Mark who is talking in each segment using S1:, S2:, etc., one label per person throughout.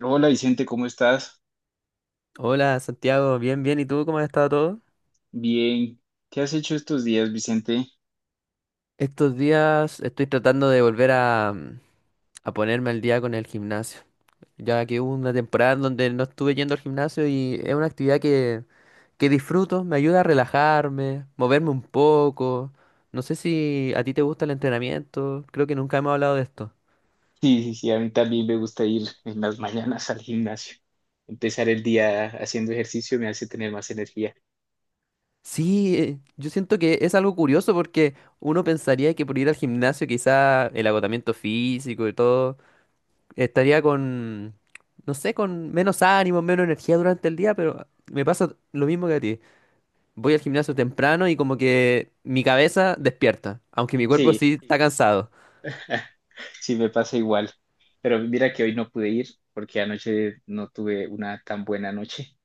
S1: Hola Vicente, ¿cómo estás?
S2: Hola Santiago, bien, bien. ¿Y tú cómo has estado todo?
S1: Bien. ¿Qué has hecho estos días, Vicente?
S2: Estos días estoy tratando de volver a ponerme al día con el gimnasio, ya que hubo una temporada en donde no estuve yendo al gimnasio y es una actividad que disfruto, me ayuda a relajarme, moverme un poco. No sé si a ti te gusta el entrenamiento, creo que nunca hemos hablado de esto.
S1: Sí, sí, sí, a mí también me gusta ir en las mañanas al gimnasio. Empezar el día haciendo ejercicio me hace tener más energía.
S2: Sí, yo siento que es algo curioso porque uno pensaría que por ir al gimnasio quizá el agotamiento físico y todo estaría con, no sé, con menos ánimo, menos energía durante el día, pero me pasa lo mismo que a ti. Voy al gimnasio temprano y como que mi cabeza despierta, aunque mi cuerpo
S1: Sí,
S2: sí está cansado.
S1: sí, me pasa igual. Pero mira que hoy no pude ir porque anoche no tuve una tan buena noche.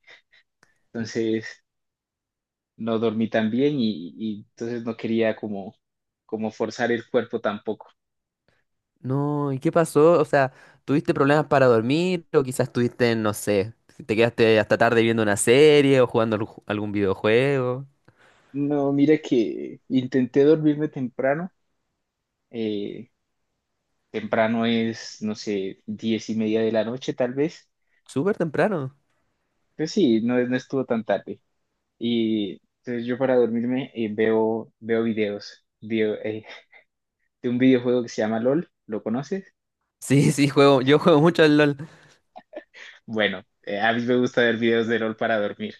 S1: Entonces no dormí tan bien y entonces no quería como forzar el cuerpo tampoco.
S2: No, ¿y qué pasó? O sea, ¿tuviste problemas para dormir o quizás tuviste, no sé, si te quedaste hasta tarde viendo una serie o jugando algún videojuego?
S1: No, mira que intenté dormirme temprano. eh, Temprano es, no sé, diez y media de la noche tal vez.
S2: Súper temprano.
S1: Pues sí, no, no estuvo tan tarde. Y entonces yo para dormirme veo, de un videojuego que se llama LOL, ¿lo conoces?
S2: Sí, sí, yo juego mucho al LOL.
S1: Bueno, a mí me gusta ver videos de LOL para dormir.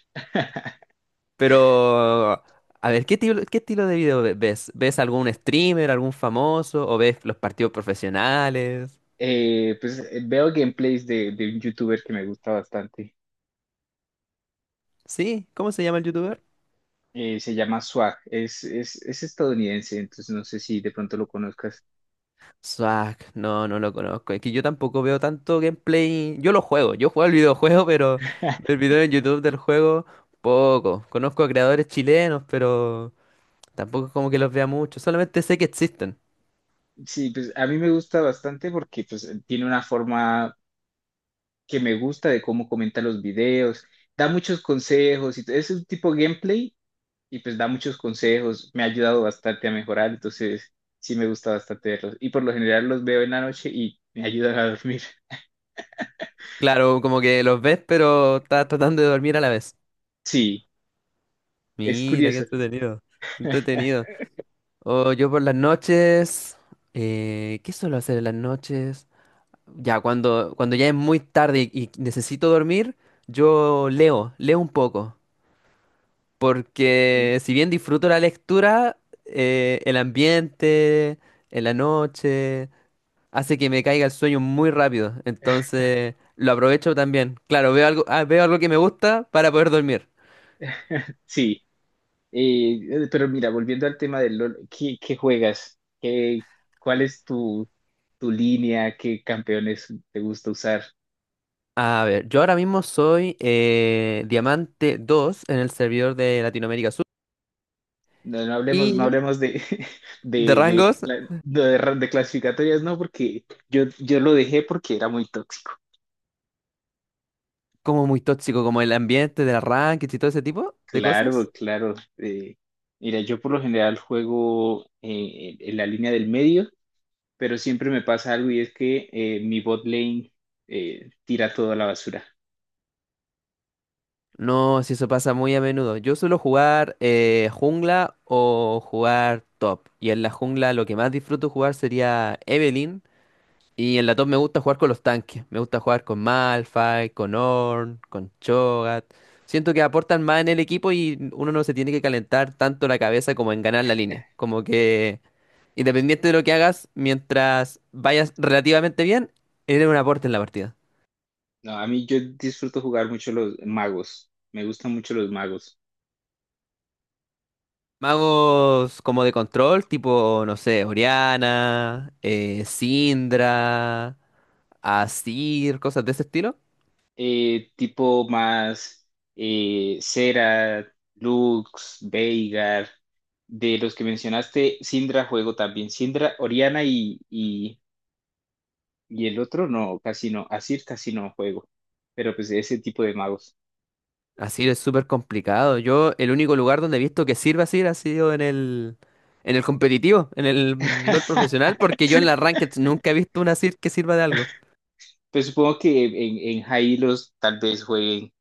S2: Pero, a ver, ¿qué qué estilo de video ves? ¿Ves algún streamer, algún famoso? ¿O ves los partidos profesionales?
S1: Veo gameplays de un youtuber que me gusta bastante.
S2: ¿Sí? ¿Cómo se llama el youtuber?
S1: Se llama Swag, es estadounidense, entonces no sé si de pronto lo conozcas.
S2: Zack, no, no lo conozco. Es que yo tampoco veo tanto gameplay. Yo juego el videojuego, pero el video en YouTube del juego, poco. Conozco a creadores chilenos, pero tampoco es como que los vea mucho. Solamente sé que existen.
S1: Sí, pues a mí me gusta bastante porque pues tiene una forma que me gusta de cómo comenta los videos, da muchos consejos, y es un tipo gameplay y pues da muchos consejos, me ha ayudado bastante a mejorar, entonces sí me gusta bastante verlos. Y por lo general los veo en la noche y me ayudan a dormir.
S2: Claro, como que los ves, pero estás tratando de dormir a la vez.
S1: Sí, es
S2: Mira, qué
S1: curioso.
S2: entretenido. Qué entretenido. O yo por las noches, ¿qué suelo hacer en las noches? Ya, cuando ya es muy tarde y necesito dormir, yo leo un poco.
S1: Ok.
S2: Porque si bien disfruto la lectura, el ambiente, en la noche, hace que me caiga el sueño muy rápido. Entonces, lo aprovecho también. Claro, veo algo que me gusta para poder dormir.
S1: Sí, pero mira, volviendo al tema del LOL, ¿qué juegas? ¿Cuál es tu, tu línea? ¿Qué campeones te gusta usar?
S2: A ver, yo ahora mismo soy Diamante 2 en el servidor de Latinoamérica Sur.
S1: No
S2: Y
S1: hablemos
S2: de rangos
S1: de clasificatorias, no, porque yo lo dejé porque era muy tóxico.
S2: como muy tóxico, como el ambiente de rankings y todo ese tipo de
S1: Claro,
S2: cosas.
S1: claro. Mira, yo por lo general juego en la línea del medio, pero siempre me pasa algo y es que mi bot lane tira todo a la basura.
S2: No, si eso pasa muy a menudo. Yo suelo jugar jungla o jugar top. Y en la jungla lo que más disfruto jugar sería Evelynn. Y en la top me gusta jugar con los tanques. Me gusta jugar con Malphite, con Ornn, con Cho'Gath. Siento que aportan más en el equipo y uno no se tiene que calentar tanto la cabeza como en ganar la línea. Como que independiente de lo que hagas, mientras vayas relativamente bien, eres un aporte en la partida.
S1: No, a mí yo disfruto jugar mucho los magos. Me gustan mucho los magos.
S2: Magos como de control, tipo, no sé, Oriana, Syndra, Azir, cosas de ese estilo.
S1: Tipo más Cera, Lux, Veigar, de los que mencionaste, Syndra juego también. Syndra, Oriana y el otro no, casi no. Asir casi no juego, pero pues ese tipo de magos.
S2: Azir es súper complicado. Yo, el único lugar donde he visto que sirve Azir ha sido en el, competitivo, en el LoL profesional, porque yo en las rankeds nunca he visto un Azir que sirva de algo.
S1: Pues supongo que en Jailos tal vez jueguen.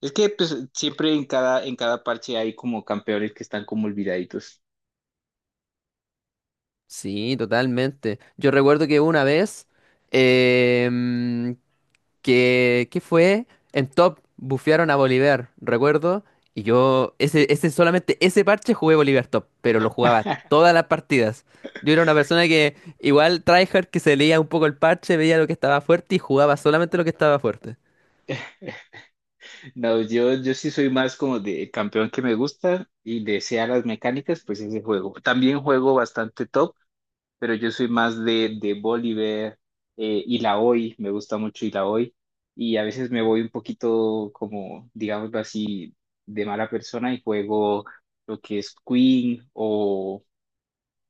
S1: Es que pues siempre en cada parche hay como campeones que están como olvidaditos.
S2: Sí, totalmente. Yo recuerdo que una vez, Em, que fue en top, bufearon a Bolívar, recuerdo, y yo ese parche jugué Bolívar top, pero lo jugaba todas las partidas. Yo era una persona que igual tryhard que se leía un poco el parche, veía lo que estaba fuerte y jugaba solamente lo que estaba fuerte.
S1: No, yo sí soy más como de el campeón que me gusta y desea las mecánicas, pues ese juego. También juego bastante top, pero yo soy más de Bolívar y la hoy, me gusta mucho y la hoy. Y a veces me voy un poquito como, digamos así, de mala persona y juego lo que es Queen o,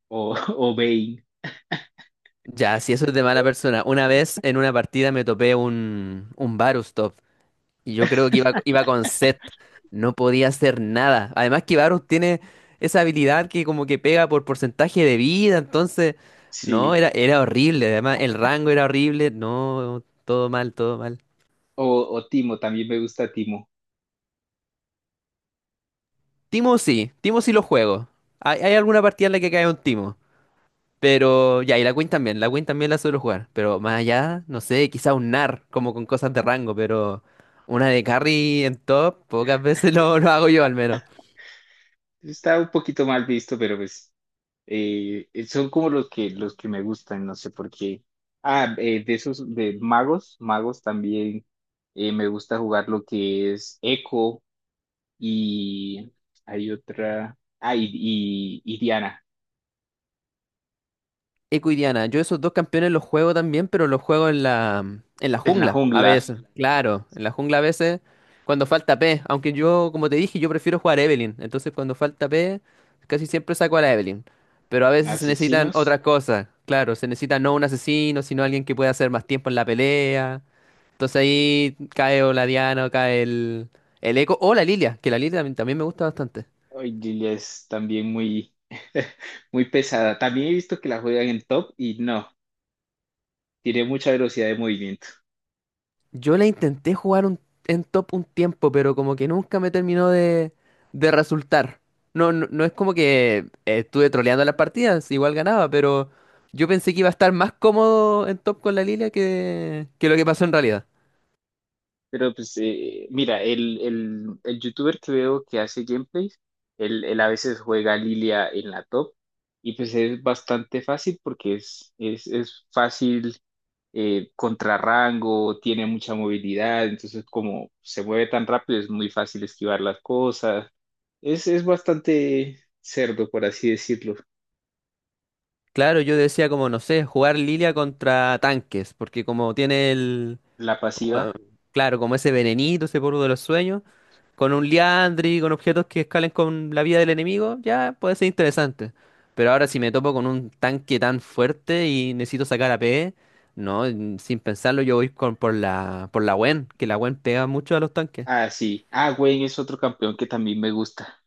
S1: o, o Vayne,
S2: Ya, si eso es de mala persona. Una vez en una partida me topé un Varus top. Y yo creo que iba con Seth. No podía hacer nada. Además que Varus tiene esa habilidad que como que pega por porcentaje de vida. Entonces, no,
S1: sí.
S2: era horrible. Además, el rango era horrible. No, todo mal, todo mal.
S1: O, o Timo, también me gusta Timo.
S2: Timo sí lo juego. Hay alguna partida en la que cae un Timo. Pero ya, y la Queen también, la Queen también la suelo jugar. Pero más allá, no sé, quizá un Nar, como con cosas de rango, pero una de carry en top, pocas veces lo hago yo al menos.
S1: Está un poquito mal visto, pero pues son como los que me gustan, no sé por qué. Ah, de esos de magos, magos también me gusta jugar lo que es Echo y hay otra, ah, y Diana
S2: Eco y Diana. Yo esos dos campeones los juego también, pero los juego en la
S1: en la
S2: jungla a
S1: jungla,
S2: veces. Claro, en la jungla a veces cuando falta P. Aunque yo, como te dije, yo prefiero jugar Evelynn. Entonces cuando falta P, casi siempre saco a la Evelynn. Pero a veces se necesitan
S1: asesinos.
S2: otras cosas. Claro, se necesita no un asesino, sino alguien que pueda hacer más tiempo en la pelea. Entonces ahí cae o la Diana o cae el Eco o la Lilia, que la Lilia también, también me gusta bastante.
S1: Ay, Lilia es también muy muy pesada. También he visto que la juegan en top y no, tiene mucha velocidad de movimiento.
S2: Yo la intenté jugar en top un tiempo, pero como que nunca me terminó de resultar. No, no, no es como que estuve troleando las partidas, igual ganaba, pero yo pensé que iba a estar más cómodo en top con la Lilia que lo que pasó en realidad.
S1: Pero pues, mira, el youtuber que veo que hace gameplays, él a veces juega Lilia en la top y pues es bastante fácil porque es fácil contra rango, tiene mucha movilidad, entonces como se mueve tan rápido es muy fácil esquivar las cosas. Es bastante cerdo, por así decirlo.
S2: Claro, yo decía como, no sé, jugar Lilia contra tanques, porque como tiene el,
S1: La
S2: como,
S1: pasiva.
S2: claro, como ese venenito, ese polvo de los sueños. Con un liandry, con objetos que escalen con la vida del enemigo, ya puede ser interesante. Pero ahora si me topo con un tanque tan fuerte y necesito sacar a AP, no, sin pensarlo yo voy por la Gwen, que la Gwen pega mucho a los tanques.
S1: Ah, sí. Ah, Gwen es otro campeón que también me gusta.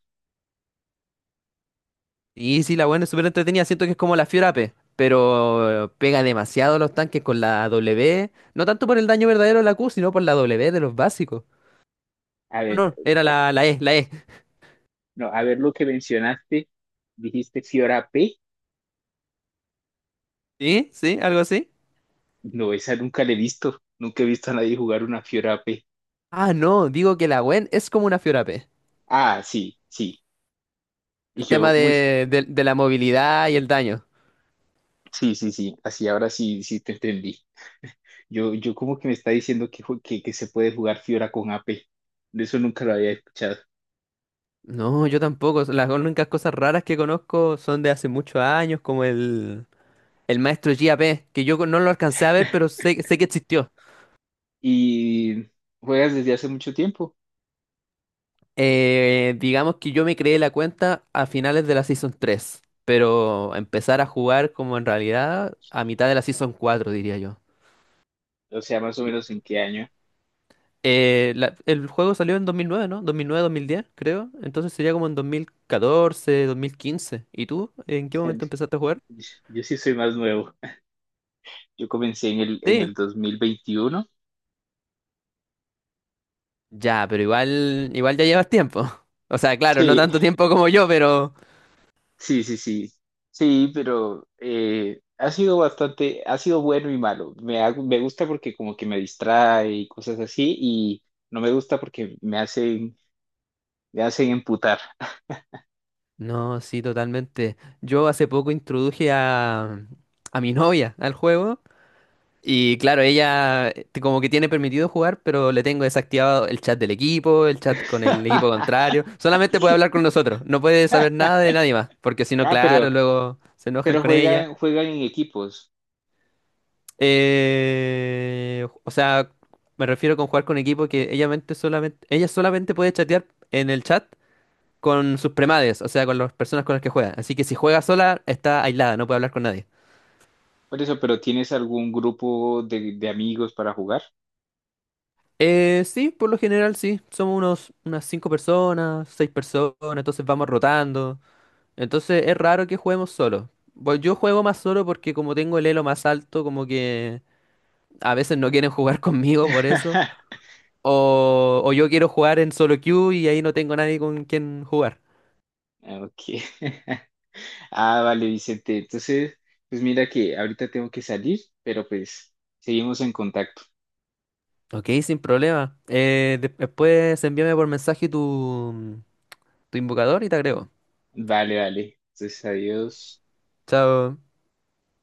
S2: Y sí, la Gwen es súper entretenida, siento que es como la Fiora AP, pero pega demasiado a los tanques con la W, no tanto por el daño verdadero de la Q, sino por la W de los básicos.
S1: A
S2: No,
S1: ver.
S2: no, era
S1: eh,
S2: la E, la E.
S1: No, a ver lo que mencionaste, dijiste Fiora P.
S2: ¿Sí? ¿Sí? ¿Algo así?
S1: No, esa nunca la he visto. Nunca he visto a nadie jugar una Fiora P.
S2: Ah, no, digo que la Gwen es como una Fiora AP.
S1: Ah, sí, sí. Y
S2: El tema
S1: yo, uy,
S2: de la movilidad y el daño.
S1: sí, sí, sí. Así ahora sí, sí te entendí. Yo como que me está diciendo que, ju- que se puede jugar Fiora con AP. De eso nunca lo había escuchado.
S2: No, yo tampoco. Las únicas cosas raras que conozco son de hace muchos años, como el maestro G.A.P., que yo no lo alcancé a ver, pero sé que existió.
S1: Y juegas desde hace mucho tiempo.
S2: Digamos que yo me creé la cuenta a finales de la Season 3, pero empezar a jugar como en realidad a mitad de la Season 4, diría yo.
S1: O sea, más o
S2: Y-
S1: menos en qué año.
S2: el juego salió en 2009, no dos mil nueve, 2010, creo. Entonces sería como en dos mil catorce, 2015. ¿Y tú? ¿En qué momento empezaste a jugar?
S1: Yo sí soy más nuevo. Yo comencé en
S2: Sí,
S1: el 2021.
S2: ya, pero igual, igual ya llevas tiempo. O sea, claro, no
S1: Sí,
S2: tanto tiempo como yo, pero.
S1: sí, sí, sí. Sí, pero ha sido bastante, ha sido bueno y malo. Me gusta porque como que me distrae y cosas así, y no me gusta porque me hacen emputar.
S2: No, sí, totalmente. Yo hace poco introduje a mi novia al juego y claro, ella como que tiene permitido jugar, pero le tengo desactivado el chat del equipo, el chat con el equipo contrario. Solamente puede hablar con nosotros, no puede saber nada de nadie más, porque si no,
S1: Ah,
S2: claro, luego se enojan
S1: pero
S2: con ella.
S1: juegan, juegan en equipos.
S2: O sea, me refiero con jugar con equipo que ella solamente puede chatear en el chat con sus premades, o sea, con las personas con las que juega. Así que si juega sola, está aislada, no puede hablar con nadie.
S1: Por eso, pero ¿tienes algún grupo de amigos para jugar?
S2: Sí, por lo general sí, somos unas cinco personas, seis personas, entonces vamos rotando. Entonces es raro que juguemos solo. Bueno, yo juego más solo porque como tengo el elo más alto, como que a veces no quieren jugar conmigo por eso. O yo quiero jugar en solo queue y ahí no tengo nadie con quien jugar.
S1: Ok. Ah, vale, Vicente. Entonces, pues mira que ahorita tengo que salir, pero pues seguimos en contacto.
S2: Ok, sin problema. Después envíame por mensaje tu invocador y te agrego.
S1: Vale, vale. Entonces, adiós.
S2: Chao.